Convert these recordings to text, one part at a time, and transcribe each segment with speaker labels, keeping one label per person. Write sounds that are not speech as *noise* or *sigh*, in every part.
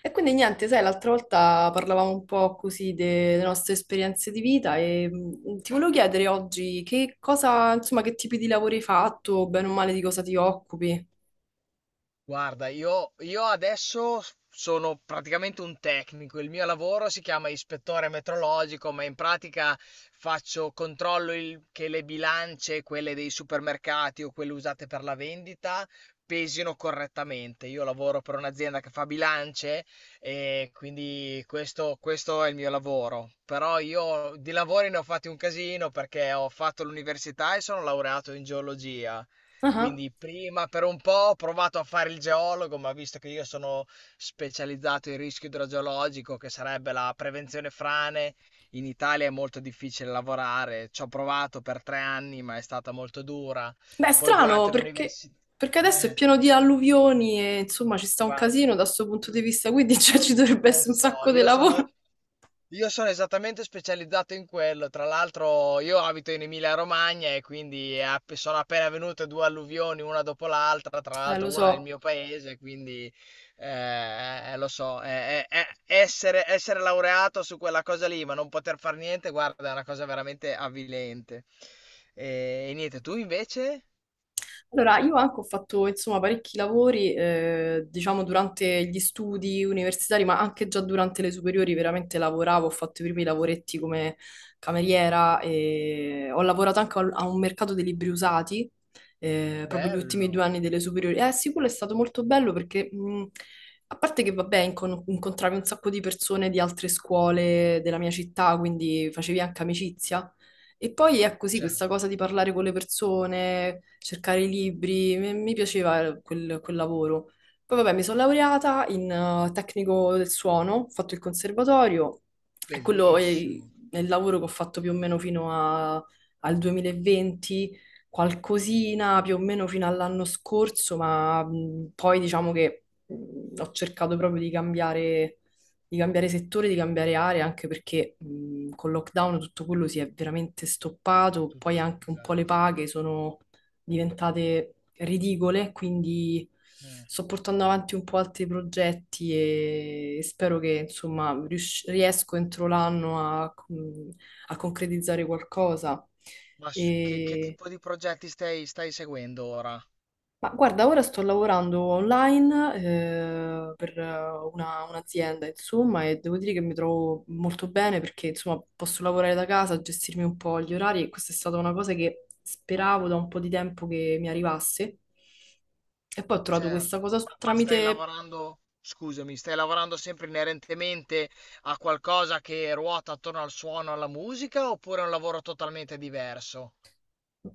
Speaker 1: E quindi niente, sai, l'altra volta parlavamo un po' così delle nostre esperienze di vita e ti volevo chiedere oggi che cosa, insomma, che tipi di lavori hai fatto, bene o male di cosa ti occupi.
Speaker 2: Guarda, io adesso s sono praticamente un tecnico. Il mio lavoro si chiama ispettore metrologico, ma in pratica faccio controllo il che le bilance, quelle dei supermercati o quelle usate per la vendita, pesino correttamente. Io lavoro per un'azienda che fa bilance e quindi questo è il mio lavoro. Però io di lavori ne ho fatti un casino perché ho fatto l'università e sono laureato in geologia.
Speaker 1: Ah.
Speaker 2: Quindi prima per un po' ho provato a fare il geologo, ma visto che io sono specializzato in rischio idrogeologico, che sarebbe la prevenzione frane, in Italia è molto difficile lavorare. Ci ho provato per 3 anni, ma è stata molto dura.
Speaker 1: Beh, è
Speaker 2: Poi
Speaker 1: strano
Speaker 2: durante
Speaker 1: perché,
Speaker 2: l'università.
Speaker 1: perché adesso è pieno
Speaker 2: *laughs*
Speaker 1: di alluvioni e insomma ci sta un
Speaker 2: Guarda,
Speaker 1: casino da questo punto di vista, quindi *laughs* cioè,
Speaker 2: lo,
Speaker 1: ci dovrebbe
Speaker 2: lo
Speaker 1: essere un
Speaker 2: so,
Speaker 1: sacco di
Speaker 2: io sono,
Speaker 1: lavoro.
Speaker 2: io sono esattamente specializzato in quello. Tra l'altro, io abito in Emilia-Romagna e quindi sono appena venute 2 alluvioni una dopo l'altra. Tra l'altro,
Speaker 1: Lo
Speaker 2: una nel
Speaker 1: so.
Speaker 2: mio paese, quindi lo so. Essere laureato su quella cosa lì, ma non poter fare niente, guarda, è una cosa veramente avvilente. E niente, tu invece?
Speaker 1: Allora, io anche ho fatto, insomma, parecchi lavori, diciamo, durante gli studi universitari, ma anche già durante le superiori veramente lavoravo, ho fatto i primi lavoretti come cameriera e ho lavorato a un mercato dei libri usati, proprio gli ultimi due
Speaker 2: Bello,
Speaker 1: anni delle superiori. Eh sì, quello è stato molto bello perché, a parte che, vabbè, incontravi un sacco di persone di altre scuole della mia città, quindi facevi anche amicizia. E poi è così
Speaker 2: cioè,
Speaker 1: questa cosa di parlare con le persone, cercare i libri, mi piaceva quel lavoro. Poi vabbè, mi sono laureata in tecnico del suono, ho fatto il conservatorio e quello
Speaker 2: bellissimo.
Speaker 1: è il lavoro che ho fatto più o meno al 2020, qualcosina più o meno fino all'anno scorso, ma poi diciamo che ho cercato proprio di cambiare settore, di cambiare area, anche perché col lockdown tutto quello si è veramente stoppato,
Speaker 2: Tutto
Speaker 1: poi
Speaker 2: un
Speaker 1: anche un po' le
Speaker 2: disastro.
Speaker 1: paghe sono diventate ridicole, quindi
Speaker 2: Mm.
Speaker 1: sto portando avanti un po' altri progetti e spero che insomma riesco entro l'anno a, a concretizzare qualcosa.
Speaker 2: Ma che
Speaker 1: E
Speaker 2: tipo di progetti stai seguendo ora?
Speaker 1: ma guarda, ora sto lavorando online per un'azienda, insomma, e devo dire che mi trovo molto bene perché, insomma, posso lavorare da casa, gestirmi un po' gli orari e questa è stata una cosa che speravo da un po' di tempo che mi arrivasse. E poi ho trovato
Speaker 2: Certo.
Speaker 1: questa cosa
Speaker 2: Ma stai
Speaker 1: tramite.
Speaker 2: lavorando, scusami, stai lavorando sempre inerentemente a qualcosa che ruota attorno al suono, alla musica, oppure è un lavoro totalmente diverso?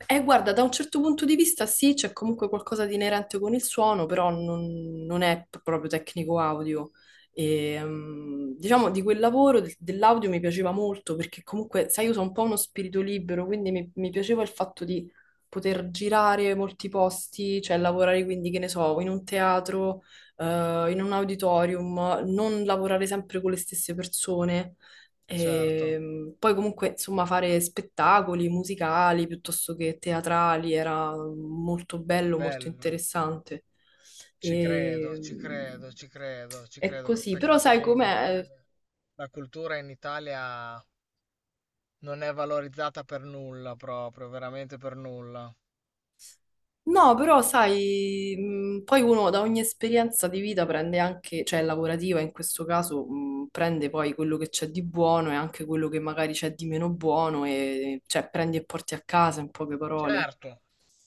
Speaker 1: Guarda, da un certo punto di vista sì, c'è comunque qualcosa di inerente con il suono, però non è proprio tecnico audio. Diciamo di quel dell'audio mi piaceva molto perché comunque, sai, io sono un po' uno spirito libero, quindi mi piaceva il fatto di poter girare molti posti, cioè lavorare quindi, che ne so, in un teatro, in un auditorium, non lavorare sempre con le stesse persone.
Speaker 2: Certo,
Speaker 1: E poi comunque, insomma, fare spettacoli musicali piuttosto che teatrali era molto bello, molto
Speaker 2: bello,
Speaker 1: interessante.
Speaker 2: ci
Speaker 1: E...
Speaker 2: credo, ci credo, ci credo, ci
Speaker 1: È
Speaker 2: credo. Che
Speaker 1: così, però
Speaker 2: peccato
Speaker 1: sai
Speaker 2: che in Italia
Speaker 1: com'è?
Speaker 2: la cultura in Italia non è valorizzata per nulla, proprio, veramente per nulla.
Speaker 1: No, però sai, poi uno da ogni esperienza di vita prende anche, cioè lavorativa in questo caso, prende poi quello che c'è di buono e anche quello che magari c'è di meno buono e cioè prendi e porti a casa in poche parole.
Speaker 2: Certo,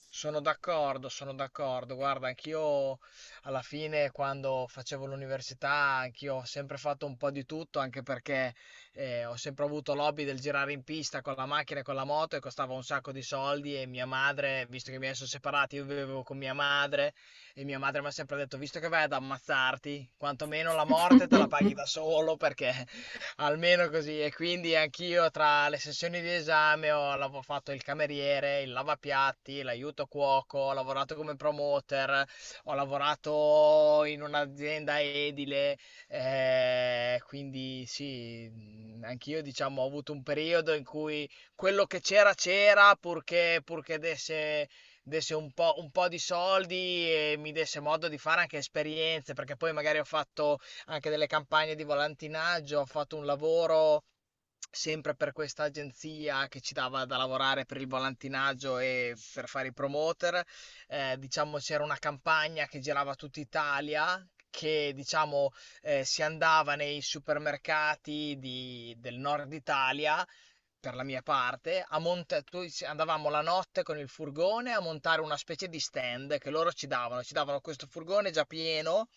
Speaker 2: sono d'accordo, sono d'accordo. Guarda, anch'io alla fine quando facevo l'università, anch'io ho sempre fatto un po' di tutto, anche perché ho sempre avuto l'hobby del girare in pista con la macchina e con la moto e costava un sacco di soldi e mia madre, visto che mi sono separati, io vivevo con mia madre e mia madre mi ha sempre detto, visto che vai ad ammazzarti, quantomeno la morte te la paghi da
Speaker 1: *laughs*
Speaker 2: solo perché almeno così. E quindi anch'io tra le sessioni di esame fatto il cameriere, il lavapiatti, l'aiuto cuoco, ho lavorato come promoter, ho lavorato in un'azienda edile, quindi sì, anch'io diciamo ho avuto un periodo in cui quello che c'era c'era purché desse un po' di soldi e mi desse modo di fare anche esperienze, perché poi magari ho fatto anche delle campagne di volantinaggio, ho fatto un lavoro sempre per questa agenzia che ci dava da lavorare per il volantinaggio e per fare i promoter. Diciamo c'era una campagna che girava tutta Italia. Che diciamo si andava nei supermercati del nord Italia, per la mia parte, a monta- tu- ci- andavamo la notte con il furgone a montare una specie di stand che loro ci davano. Ci davano questo furgone già pieno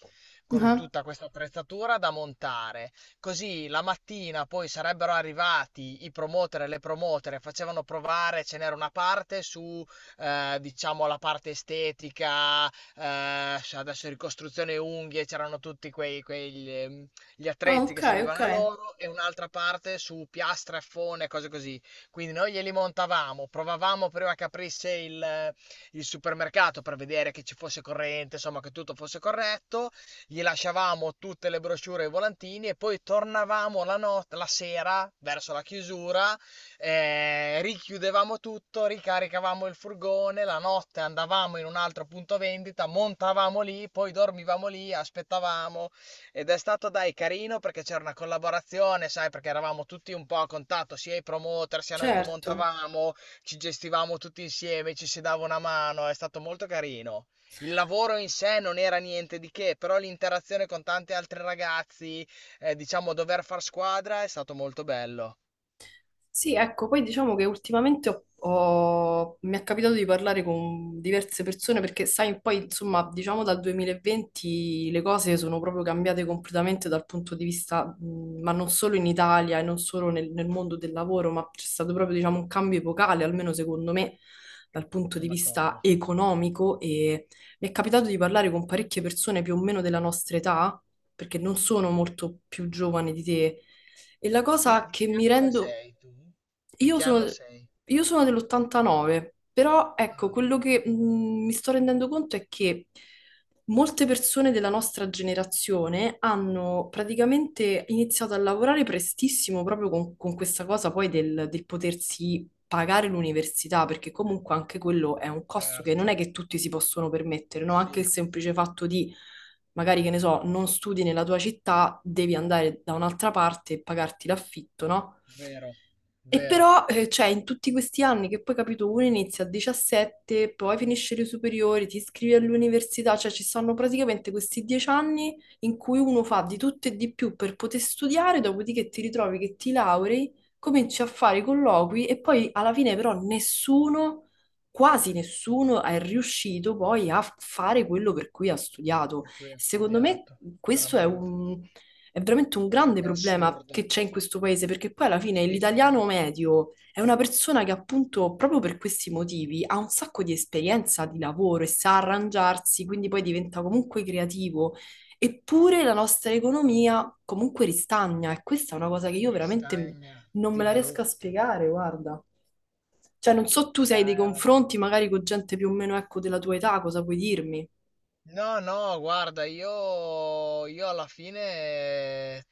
Speaker 2: con tutta questa attrezzatura da montare. Così la mattina poi sarebbero arrivati i promoter e le promotere, facevano provare, ce n'era una parte su, diciamo, la parte estetica, adesso ricostruzione unghie, c'erano tutti quegli, gli
Speaker 1: Ah,
Speaker 2: attrezzi
Speaker 1: ok,
Speaker 2: che
Speaker 1: ok.
Speaker 2: servivano a loro e un'altra parte su piastre, fone, cose così. Quindi noi glieli montavamo, provavamo prima che aprisse il supermercato per vedere che ci fosse corrente, insomma che tutto fosse corretto. Gli lasciavamo tutte le brochure e i volantini e poi tornavamo la, not- la sera verso la chiusura, richiudevamo tutto, ricaricavamo il furgone, la notte andavamo in un altro punto vendita, montavamo lì, poi dormivamo lì, aspettavamo ed è stato dai carino perché c'era una collaborazione, sai, perché eravamo tutti un po' a contatto, sia i promoter, sia noi che
Speaker 1: Certo.
Speaker 2: montavamo, ci gestivamo tutti insieme, ci si dava una mano, è stato molto carino. Il lavoro in sé non era niente di che, però l'interazione con tanti altri ragazzi, diciamo dover far squadra è stato molto bello.
Speaker 1: Sì, ecco, poi diciamo che ultimamente mi è capitato di parlare con diverse persone perché, sai, poi insomma, diciamo dal 2020 le cose sono proprio cambiate completamente dal punto di vista, ma non solo in Italia e non solo nel mondo del lavoro, ma c'è stato proprio, diciamo, un cambio epocale, almeno secondo me, dal punto di
Speaker 2: Sono
Speaker 1: vista
Speaker 2: d'accordo.
Speaker 1: economico e mi è capitato di parlare con parecchie persone più o meno della nostra età, perché non sono molto più giovane di te. E la
Speaker 2: Di,
Speaker 1: cosa
Speaker 2: di
Speaker 1: che
Speaker 2: che
Speaker 1: mi
Speaker 2: anno
Speaker 1: rendo
Speaker 2: sei tu? Di
Speaker 1: io
Speaker 2: che anno
Speaker 1: sono,
Speaker 2: sei?
Speaker 1: io sono dell'89, però ecco,
Speaker 2: Ah,
Speaker 1: quello che mi sto rendendo conto è che molte persone della nostra generazione hanno praticamente iniziato a lavorare prestissimo proprio con questa cosa poi del potersi pagare l'università, perché comunque anche quello è un costo che non è
Speaker 2: certo,
Speaker 1: che tutti si possono permettere, no? Anche il
Speaker 2: sì,
Speaker 1: semplice fatto di, magari che ne so, non studi nella tua città, devi andare da un'altra parte e pagarti l'affitto, no?
Speaker 2: vero,
Speaker 1: E
Speaker 2: vero,
Speaker 1: però, cioè, in tutti questi anni che poi, capito, uno inizia a 17, poi finisce le superiori, ti iscrivi all'università, cioè ci sono praticamente questi 10 anni in cui uno fa di tutto e di più per poter studiare, dopodiché ti ritrovi che ti laurei, cominci a fare i colloqui e poi alla fine però nessuno, quasi nessuno è riuscito poi a fare quello per cui ha studiato.
Speaker 2: per cui ho
Speaker 1: Secondo me
Speaker 2: studiato,
Speaker 1: questo è
Speaker 2: veramente.
Speaker 1: un è veramente un grande
Speaker 2: È
Speaker 1: problema
Speaker 2: assurdo.
Speaker 1: che c'è in questo paese, perché poi alla fine
Speaker 2: Sì, sì,
Speaker 1: l'italiano medio è una persona che appunto proprio per questi motivi ha un sacco di esperienza di lavoro e sa arrangiarsi, quindi poi diventa comunque creativo. Eppure la nostra economia comunque ristagna e questa è una cosa che io veramente
Speaker 2: ristagna
Speaker 1: non me
Speaker 2: di
Speaker 1: la riesco a
Speaker 2: brutto.
Speaker 1: spiegare, guarda. Cioè, non so tu se hai dei
Speaker 2: Hai
Speaker 1: confronti
Speaker 2: ragione.
Speaker 1: magari con gente più o meno, ecco, della tua età, cosa puoi dirmi?
Speaker 2: No, no, guarda, io alla fine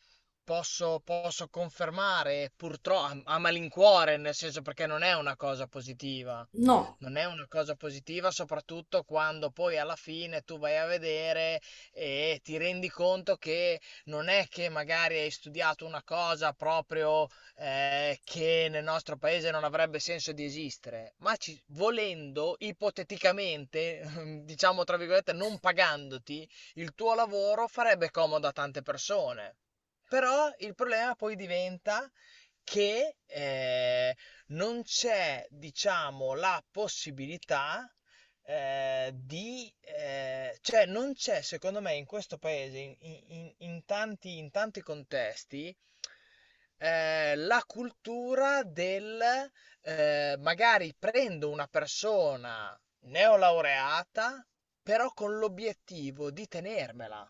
Speaker 2: posso confermare, purtroppo, a malincuore, nel senso perché non è una cosa positiva.
Speaker 1: No.
Speaker 2: Non è una cosa positiva, soprattutto quando poi alla fine tu vai a vedere e ti rendi conto che non è che magari hai studiato una cosa proprio che nel nostro paese non avrebbe senso di esistere, ma volendo, ipoteticamente, *laughs* diciamo tra virgolette, non pagandoti, il tuo lavoro farebbe comodo a tante persone. Però il problema poi diventa che non c'è, diciamo, la possibilità cioè non c'è, secondo me, in questo paese, in tanti contesti, la cultura del magari prendo una persona neolaureata, però con l'obiettivo di tenermela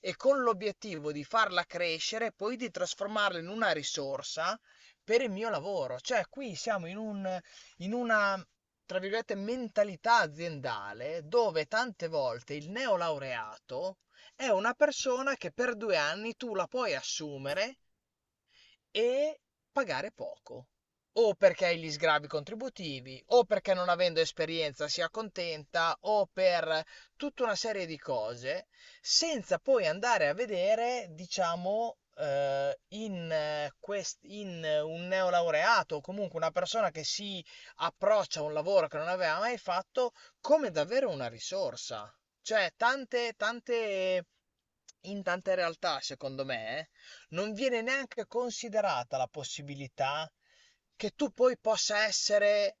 Speaker 2: e con l'obiettivo di farla crescere e poi di trasformarla in una risorsa per il mio lavoro. Cioè, qui siamo in una, tra virgolette, mentalità aziendale dove tante volte il neolaureato è una persona che per 2 anni tu la puoi assumere e pagare poco. O perché hai gli sgravi contributivi, o perché non avendo esperienza si accontenta, o per tutta una serie di cose, senza poi andare a vedere, diciamo, in, quest- in un neolaureato o comunque una persona che si approccia a un lavoro che non aveva mai fatto come davvero una risorsa. Cioè, tante, tante, in tante realtà, secondo me, non viene neanche considerata la possibilità che tu poi possa essere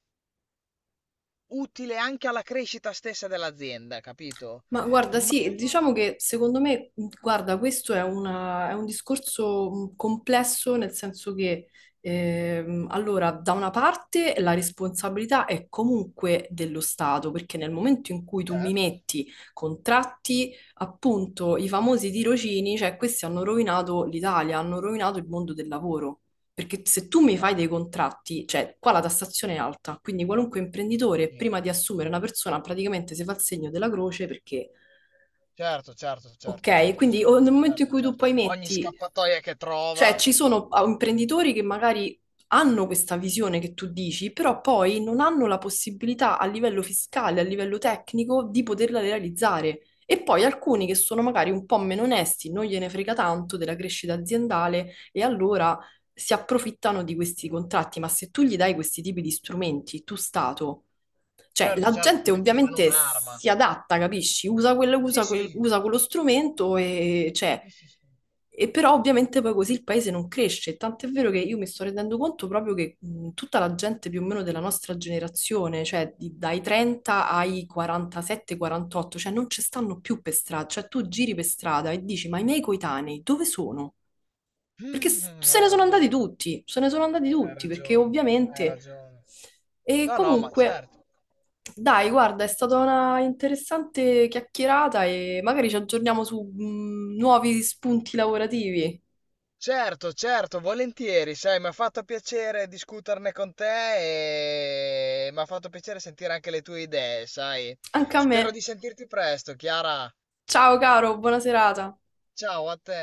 Speaker 2: utile anche alla crescita stessa dell'azienda, capito?
Speaker 1: Ma guarda,
Speaker 2: Ma
Speaker 1: sì, diciamo che secondo me, guarda, questo è, è un discorso complesso nel senso che, allora, da una parte la responsabilità è comunque dello Stato, perché nel momento in cui tu mi
Speaker 2: certo,
Speaker 1: metti contratti, appunto, i famosi tirocini, cioè questi hanno rovinato l'Italia, hanno rovinato il mondo del lavoro. Perché se tu mi fai dei
Speaker 2: vabbè,
Speaker 1: contratti, cioè qua la tassazione è alta, quindi qualunque imprenditore
Speaker 2: sì,
Speaker 1: prima di
Speaker 2: altissimo.
Speaker 1: assumere una persona praticamente si fa il segno della croce perché...
Speaker 2: Certo, certo, certo, certo,
Speaker 1: Ok, quindi
Speaker 2: certo.
Speaker 1: nel momento in
Speaker 2: Certo,
Speaker 1: cui tu
Speaker 2: certo.
Speaker 1: poi
Speaker 2: Ogni
Speaker 1: metti,
Speaker 2: scappatoia che
Speaker 1: cioè
Speaker 2: trova,
Speaker 1: ci sono ah, imprenditori che magari hanno questa visione che tu dici, però poi non hanno la possibilità a livello fiscale, a livello tecnico, di poterla realizzare. E poi alcuni che sono magari un po' meno onesti, non gliene frega tanto della crescita aziendale e allora si approfittano di questi contratti. Ma se tu gli dai questi tipi di strumenti, tu Stato. Cioè,
Speaker 2: certo,
Speaker 1: la
Speaker 2: certo, gli
Speaker 1: gente
Speaker 2: metti in mano
Speaker 1: ovviamente
Speaker 2: un'arma.
Speaker 1: si adatta, capisci? Usa quello,
Speaker 2: Sì, sì.
Speaker 1: usa quello strumento e, cioè,
Speaker 2: Sì, sì, sì.
Speaker 1: e però ovviamente poi così il paese non cresce. Tant'è vero che io mi sto rendendo conto proprio che tutta la gente più o meno della nostra generazione, dai 30 ai 47-48, cioè non ci stanno più per strada. Cioè tu giri per strada e dici, ma i miei coetanei dove sono? Perché
Speaker 2: Mm,
Speaker 1: se ne
Speaker 2: hai
Speaker 1: sono andati
Speaker 2: ragione,
Speaker 1: tutti, se ne sono andati
Speaker 2: hai
Speaker 1: tutti, perché
Speaker 2: ragione, hai
Speaker 1: ovviamente...
Speaker 2: ragione.
Speaker 1: E
Speaker 2: No, no, ma
Speaker 1: comunque,
Speaker 2: certo.
Speaker 1: dai, guarda, è stata una interessante chiacchierata e magari ci aggiorniamo su nuovi spunti lavorativi.
Speaker 2: Certo, certo, volentieri, sai, mi ha fatto piacere discuterne con te e mi ha fatto piacere sentire anche le tue idee, sai.
Speaker 1: Anche a
Speaker 2: Spero
Speaker 1: me.
Speaker 2: di sentirti presto, Chiara.
Speaker 1: Ciao caro, buona serata.
Speaker 2: Ciao a te.